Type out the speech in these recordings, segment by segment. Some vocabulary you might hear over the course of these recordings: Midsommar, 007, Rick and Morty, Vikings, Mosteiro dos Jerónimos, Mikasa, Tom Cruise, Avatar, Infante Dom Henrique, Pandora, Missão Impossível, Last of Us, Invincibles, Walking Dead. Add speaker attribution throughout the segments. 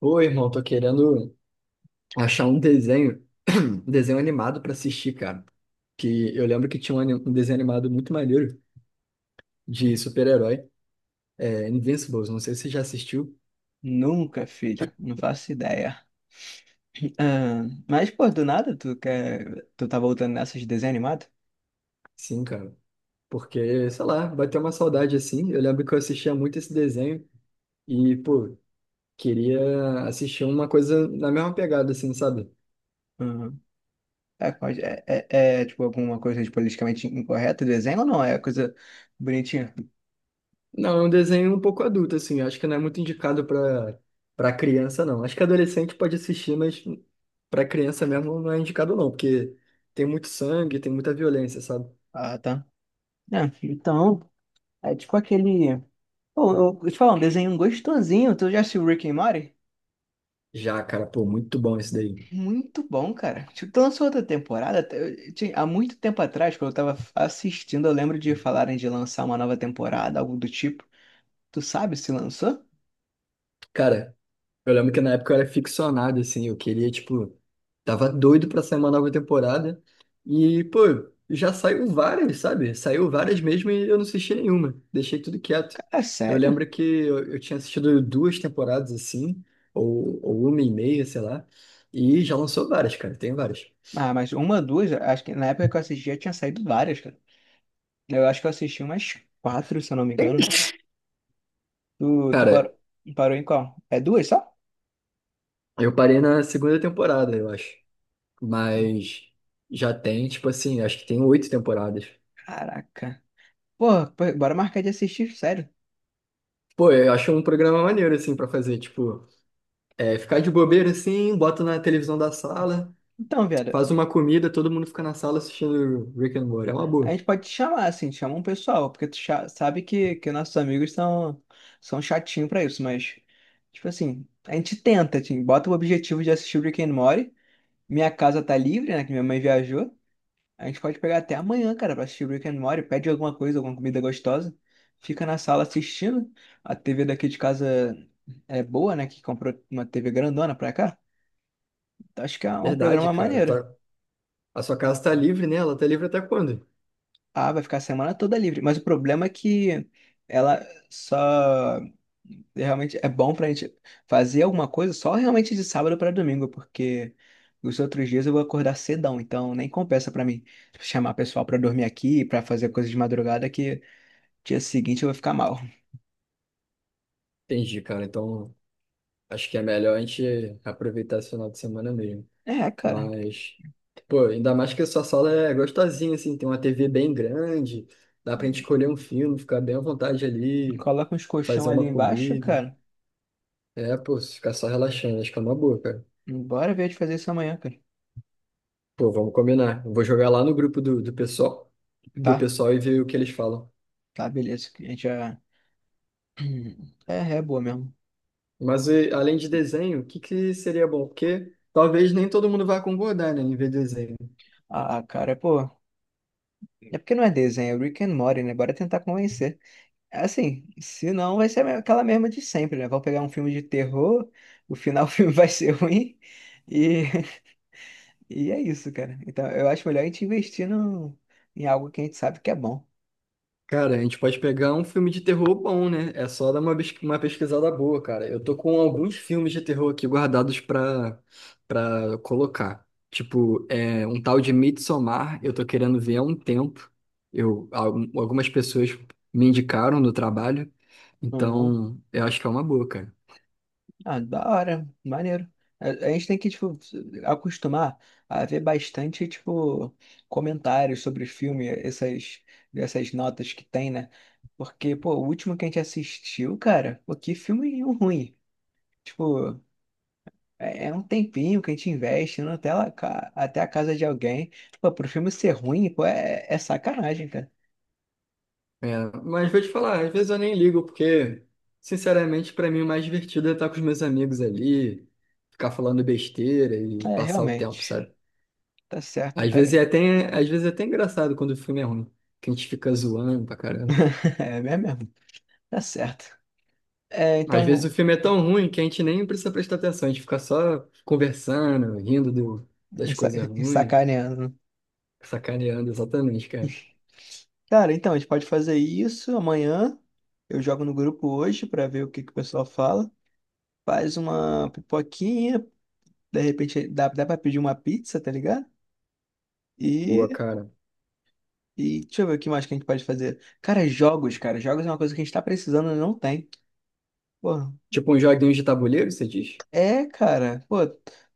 Speaker 1: Ô, irmão, tô querendo achar um desenho, um desenho animado pra assistir, cara. Que eu lembro que tinha um desenho animado muito maneiro de super-herói, é, Invincibles. Não sei se você já assistiu.
Speaker 2: Nunca, filho. Não faço ideia. Ah, mas, pô, do nada, tu quer. Tu tá voltando nessas de desenho animado?
Speaker 1: Sim, cara. Porque, sei lá, bateu uma saudade assim. Eu lembro que eu assistia muito esse desenho e, pô, queria assistir uma coisa na mesma pegada, assim, sabe?
Speaker 2: Uhum. É, pode- é, é, tipo alguma coisa de politicamente incorreta do desenho ou não? É coisa bonitinha.
Speaker 1: Não, é um desenho um pouco adulto, assim. Acho que não é muito indicado para criança, não. Acho que adolescente pode assistir, mas para criança mesmo não é indicado, não, porque tem muito sangue, tem muita violência, sabe?
Speaker 2: Ah, tá. É, então, é tipo aquele. Pô, eu te falar, um desenho gostosinho. Tu já assistiu Rick and Morty?
Speaker 1: Já, cara, pô, muito bom esse daí.
Speaker 2: Muito bom, cara. Tipo, lançou outra temporada. Eu tinha- há muito tempo atrás, quando eu tava assistindo, eu lembro de falarem de lançar uma nova temporada, algo do tipo. Tu sabe se lançou?
Speaker 1: Cara, eu lembro que na época eu era ficcionado, assim, eu queria, tipo, tava doido pra sair uma nova temporada. E, pô, já saiu várias, sabe? Saiu várias mesmo e eu não assisti nenhuma. Deixei tudo quieto.
Speaker 2: Cara,
Speaker 1: Eu
Speaker 2: sério?
Speaker 1: lembro que eu tinha assistido duas temporadas, assim, ou uma e meia, sei lá. E já lançou várias, cara, tem várias.
Speaker 2: Ah, mas uma, duas, acho que na época que eu assisti já tinha saído várias, cara. Eu acho que eu assisti umas quatro, se eu não me engano. Tu
Speaker 1: Cara,
Speaker 2: parou, parou em qual? É duas só?
Speaker 1: eu parei na segunda temporada, eu acho. Mas já tem, tipo assim, acho que tem oito temporadas.
Speaker 2: Caraca. Porra, pô, bora marcar de assistir, sério.
Speaker 1: Pô, eu acho um programa maneiro, assim, pra fazer, tipo. É, ficar de bobeira assim, bota na televisão da sala,
Speaker 2: Então, viado,
Speaker 1: faz uma comida, todo mundo fica na sala assistindo Rick and Morty. É uma
Speaker 2: a
Speaker 1: boa.
Speaker 2: gente pode te chamar, assim, te chama um pessoal, porque tu cha- sabe que nossos amigos são, são chatinhos pra isso, mas, tipo assim, a gente tenta, assim, bota o objetivo de assistir Rick and Morty. Minha casa tá livre, né, que minha mãe viajou. A gente pode pegar até amanhã, cara, pra assistir Rick and Morty. Pede alguma coisa, alguma comida gostosa. Fica na sala assistindo. A TV daqui de casa é boa, né, que comprou uma TV grandona pra cá. Então, acho que é um
Speaker 1: Verdade,
Speaker 2: programa
Speaker 1: cara.
Speaker 2: maneiro.
Speaker 1: A sua casa tá livre, né? Ela tá livre até quando?
Speaker 2: Ah, vai ficar a semana toda livre. Mas o problema é que ela só realmente é bom pra gente fazer alguma coisa só realmente de sábado pra domingo, porque os outros dias eu vou acordar cedão, então nem compensa pra mim chamar pessoal pra dormir aqui, pra fazer coisa de madrugada, que dia seguinte eu vou ficar mal.
Speaker 1: Entendi, cara. Então, acho que é melhor a gente aproveitar esse final de semana mesmo.
Speaker 2: É, cara,
Speaker 1: Mas, pô, ainda mais que a sua sala é gostosinha, assim, tem uma TV bem grande, dá pra gente escolher um filme, ficar bem à vontade ali,
Speaker 2: coloca uns colchão
Speaker 1: fazer
Speaker 2: ali
Speaker 1: uma
Speaker 2: embaixo,
Speaker 1: comida.
Speaker 2: cara.
Speaker 1: É, pô, ficar só relaxando, acho que é uma boa, cara.
Speaker 2: Bora ver de fazer isso amanhã, cara.
Speaker 1: Pô, vamos combinar. Eu vou jogar lá no grupo do
Speaker 2: Tá,
Speaker 1: pessoal e ver o que eles falam.
Speaker 2: tá, beleza. A gente já. É, é boa mesmo.
Speaker 1: Mas e, além de desenho, o que que seria bom? Porque talvez nem todo mundo vá concordar, né, em ver desenho.
Speaker 2: Ah, cara, pô. É porque não é desenho, é Rick and Morty, né? Bora tentar convencer. Assim, se não, vai ser a me- aquela mesma de sempre, né? Vão pegar um filme de terror, o final do filme vai ser ruim, e, e é isso, cara. Então, eu acho melhor a gente investir no, em algo que a gente sabe que é bom.
Speaker 1: Cara, a gente pode pegar um filme de terror bom, né? É só dar uma pesquisada boa, cara. Eu tô com alguns filmes de terror aqui guardados pra colocar. Tipo, é, um tal de Midsommar, eu tô querendo ver há um tempo. Algumas pessoas me indicaram no trabalho,
Speaker 2: Uhum.
Speaker 1: então eu acho que é uma boa, cara.
Speaker 2: Ah, da hora, maneiro. A gente tem que, tipo, acostumar a ver bastante, tipo, comentários sobre o filme, essas, essas notas que tem, né? Porque, pô, o último que a gente assistiu, cara, pô, que filme ruim. Tipo. É é um tempinho que a gente investe indo até, lá, ca- até a casa de alguém. Pô, pro filme ser ruim, pô, é, é sacanagem, cara.
Speaker 1: É, mas vou te falar, às vezes eu nem ligo, porque, sinceramente, pra mim o mais divertido é estar com os meus amigos ali, ficar falando besteira e
Speaker 2: É,
Speaker 1: passar o tempo,
Speaker 2: realmente.
Speaker 1: sabe?
Speaker 2: Tá certo, até.
Speaker 1: Às vezes é até engraçado quando o filme é ruim, que a gente fica zoando pra caramba.
Speaker 2: É mesmo. Tá certo. É,
Speaker 1: Às vezes o
Speaker 2: então,
Speaker 1: filme é tão ruim que a gente nem precisa prestar atenção, a gente fica só conversando, rindo das
Speaker 2: sa-
Speaker 1: coisas ruins,
Speaker 2: sacaneando.
Speaker 1: sacaneando, exatamente, cara.
Speaker 2: Cara, então, a gente pode fazer isso amanhã. Eu jogo no grupo hoje pra ver o que que o pessoal fala. Faz uma pipoquinha, de repente dá, dá pra pedir uma pizza, tá ligado? E
Speaker 1: Boa, cara.
Speaker 2: e deixa eu ver o que mais que a gente pode fazer. Cara. Jogos é uma coisa que a gente tá precisando e não tem. Pô,
Speaker 1: Tipo um joguinho de tabuleiro, você diz?
Speaker 2: é, cara. Pô,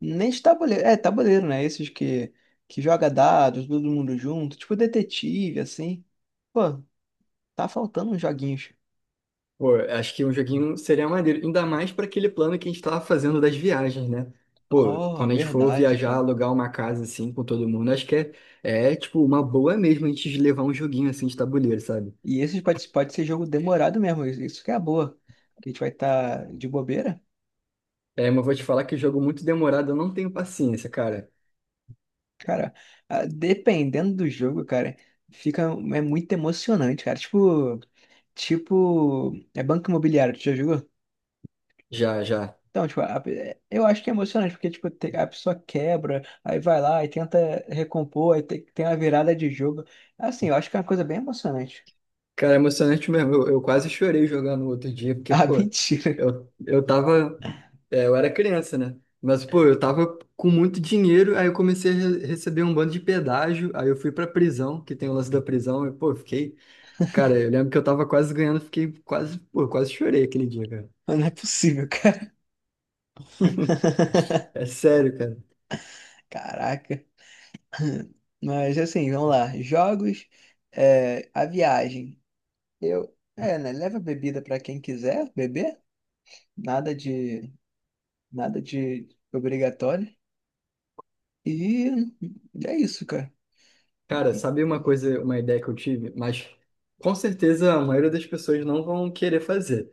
Speaker 2: nem de tabuleiro. É, tabuleiro, né? Esses que joga dados, todo mundo junto. Tipo detetive, assim. Pô, tá faltando uns joguinhos.
Speaker 1: Pô, acho que um joguinho seria maneiro, ainda mais para aquele plano que a gente tava fazendo das viagens, né? Pô,
Speaker 2: Oh,
Speaker 1: quando a gente for
Speaker 2: verdade,
Speaker 1: viajar,
Speaker 2: cara.
Speaker 1: alugar uma casa assim com todo mundo, é tipo uma boa mesmo a gente levar um joguinho assim de tabuleiro, sabe?
Speaker 2: E esses pode ser jogo demorado mesmo. Isso que é a boa. Que a gente vai estar de bobeira.
Speaker 1: É, mas vou te falar que jogo muito demorado, eu não tenho paciência, cara.
Speaker 2: Cara, ah, dependendo do jogo, cara, fica é muito emocionante, cara. Tipo, tipo, é banco imobiliário, tu já jogou?
Speaker 1: Já, já.
Speaker 2: Então, tipo, a- é- eu acho que é emocionante, porque, tipo, te- a pessoa quebra, aí vai lá e tenta recompor, aí tem, tem uma virada de jogo. Assim, eu acho que é uma coisa bem emocionante.
Speaker 1: Cara, é emocionante mesmo. Eu quase chorei jogando outro dia, porque,
Speaker 2: Ah,
Speaker 1: pô,
Speaker 2: mentira.
Speaker 1: eu, eu tava. Eu era criança, né? Mas, pô, eu tava com muito dinheiro, aí eu comecei a receber um bando de pedágio, aí eu fui pra prisão, que tem o lance da prisão, e, pô, eu fiquei. Cara, eu lembro que eu tava quase ganhando, fiquei quase, pô, eu quase chorei aquele dia, cara.
Speaker 2: Não é possível, cara.
Speaker 1: É sério, cara.
Speaker 2: Caraca. Mas, assim, vamos lá. Jogos, é, a viagem. Eu, é, né? Leva bebida para quem quiser beber, nada de, nada de obrigatório. E é isso, cara.
Speaker 1: Cara, sabe uma coisa, uma ideia que eu tive? Mas com certeza a maioria das pessoas não vão querer fazer.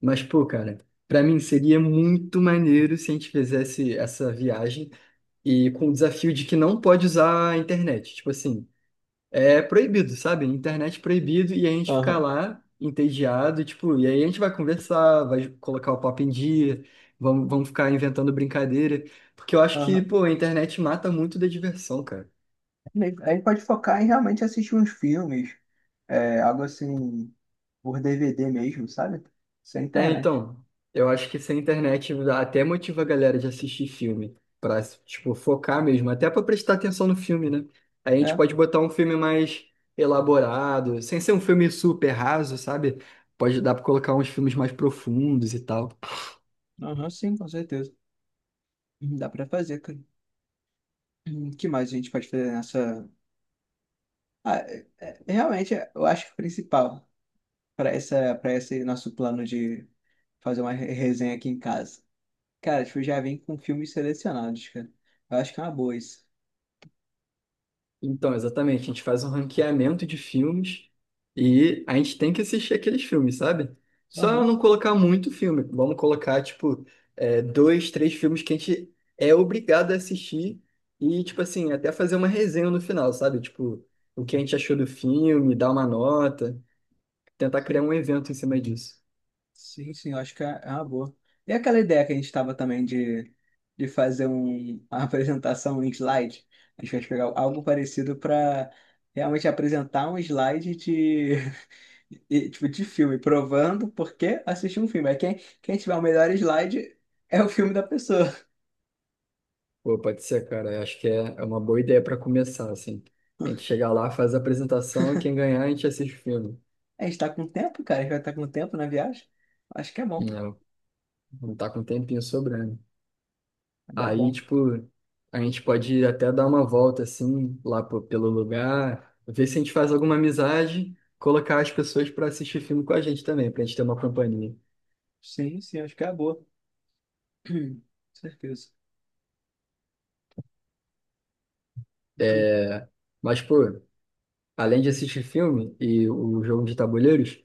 Speaker 1: Mas, pô, cara, pra mim seria muito maneiro se a gente fizesse essa viagem e com o desafio de que não pode usar a internet. Tipo assim, é proibido, sabe? Internet proibido e a gente ficar
Speaker 2: Aham.
Speaker 1: lá entediado, tipo, e aí a gente vai conversar, vai colocar o papo em dia, vamos ficar inventando brincadeira, porque eu acho que,
Speaker 2: Aham.
Speaker 1: pô, a internet mata muito da diversão, cara.
Speaker 2: Aí pode focar em realmente assistir uns filmes, é, algo assim, por DVD mesmo, sabe? Sem
Speaker 1: É,
Speaker 2: internet.
Speaker 1: então, eu acho que sem internet até motiva a galera de assistir filme, pra, tipo, focar mesmo, até pra prestar atenção no filme, né? Aí a gente
Speaker 2: É,
Speaker 1: pode botar um filme mais elaborado, sem ser um filme super raso, sabe? Pode dar pra colocar uns filmes mais profundos e tal.
Speaker 2: aham, sim, com certeza. Dá pra fazer, cara. O que mais a gente pode fazer nessa. Ah, é- é- realmente, eu acho que o principal para essa, para esse nosso plano de fazer uma re- resenha aqui em casa. Cara, tipo, já vem com filmes selecionados, cara. Eu acho que é uma boa isso.
Speaker 1: Então, exatamente, a gente faz um ranqueamento de filmes e a gente tem que assistir aqueles filmes, sabe? Só
Speaker 2: Aham,
Speaker 1: não colocar muito filme, vamos colocar, tipo, é, dois, três filmes que a gente é obrigado a assistir e, tipo assim, até fazer uma resenha no final, sabe? Tipo, o que a gente achou do filme, dar uma nota, tentar criar
Speaker 2: sim.
Speaker 1: um evento em cima disso.
Speaker 2: Sim, sim, eu acho que é uma boa. E aquela ideia que a gente estava também de fazer um, uma apresentação em slide? A gente vai pegar algo parecido para realmente apresentar um slide de, e, tipo, de filme, provando por que assistir um filme. Aí quem, quem tiver o melhor slide é o filme da pessoa.
Speaker 1: Pô, pode ser, cara, eu acho que é uma boa ideia para começar, assim. A gente chegar lá, faz a apresentação, quem ganhar, a gente assiste o filme.
Speaker 2: A gente está com tempo, cara, a gente vai estar com tempo na viagem. Acho que é bom.
Speaker 1: Não, não tá com um tempinho sobrando.
Speaker 2: É
Speaker 1: Aí,
Speaker 2: bom.
Speaker 1: tipo, a gente pode até dar uma volta, assim, pelo lugar, ver se a gente faz alguma amizade, colocar as pessoas pra assistir filme com a gente também, pra gente ter uma companhia.
Speaker 2: Sim, sim, acho que é boa. Com certeza. Tu,
Speaker 1: É, mas, pô, além de assistir filme e o jogo de tabuleiros,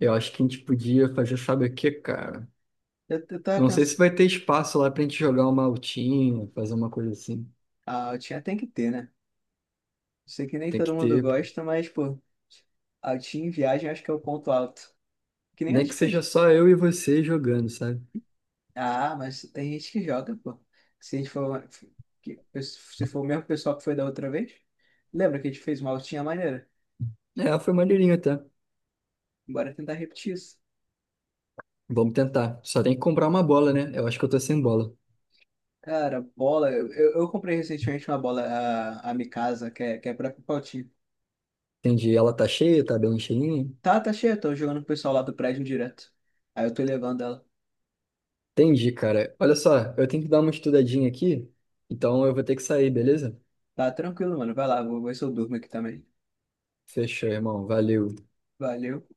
Speaker 1: eu acho que a gente podia fazer, sabe o que cara?
Speaker 2: eu tava
Speaker 1: Eu não sei se
Speaker 2: pensando.
Speaker 1: vai ter espaço lá pra gente jogar uma altinha, fazer uma coisa assim.
Speaker 2: Ah, eu tinha, tem que ter, né? Sei que nem
Speaker 1: Tem
Speaker 2: todo
Speaker 1: que
Speaker 2: mundo
Speaker 1: ter, pô.
Speaker 2: gosta, mas, pô, altinho em viagem acho que é o ponto alto. Que nem a
Speaker 1: Nem
Speaker 2: gente
Speaker 1: que seja
Speaker 2: fez.
Speaker 1: só eu e você jogando, sabe?
Speaker 2: Ah, mas tem gente que joga, pô. Se a gente for, que- se for o mesmo pessoal que foi da outra vez, lembra que a gente fez uma altinha maneira?
Speaker 1: É, foi maneirinho até.
Speaker 2: Bora tentar repetir isso.
Speaker 1: Vamos tentar. Só tem que comprar uma bola, né? Eu acho que eu tô sem bola.
Speaker 2: Cara, bola. Eu comprei recentemente uma bola, a Mikasa, que é própria pra altinho.
Speaker 1: Entendi. Ela tá cheia, tá bem cheinha?
Speaker 2: Tá, tá cheia, tô jogando com o pessoal lá do prédio direto. Aí eu tô levando ela.
Speaker 1: Entendi, cara. Olha só, eu tenho que dar uma estudadinha aqui, então eu vou ter que sair, beleza?
Speaker 2: Tá tranquilo, mano. Vai lá, vou ver se eu durmo aqui também.
Speaker 1: Fechou, irmão. Valeu.
Speaker 2: Valeu.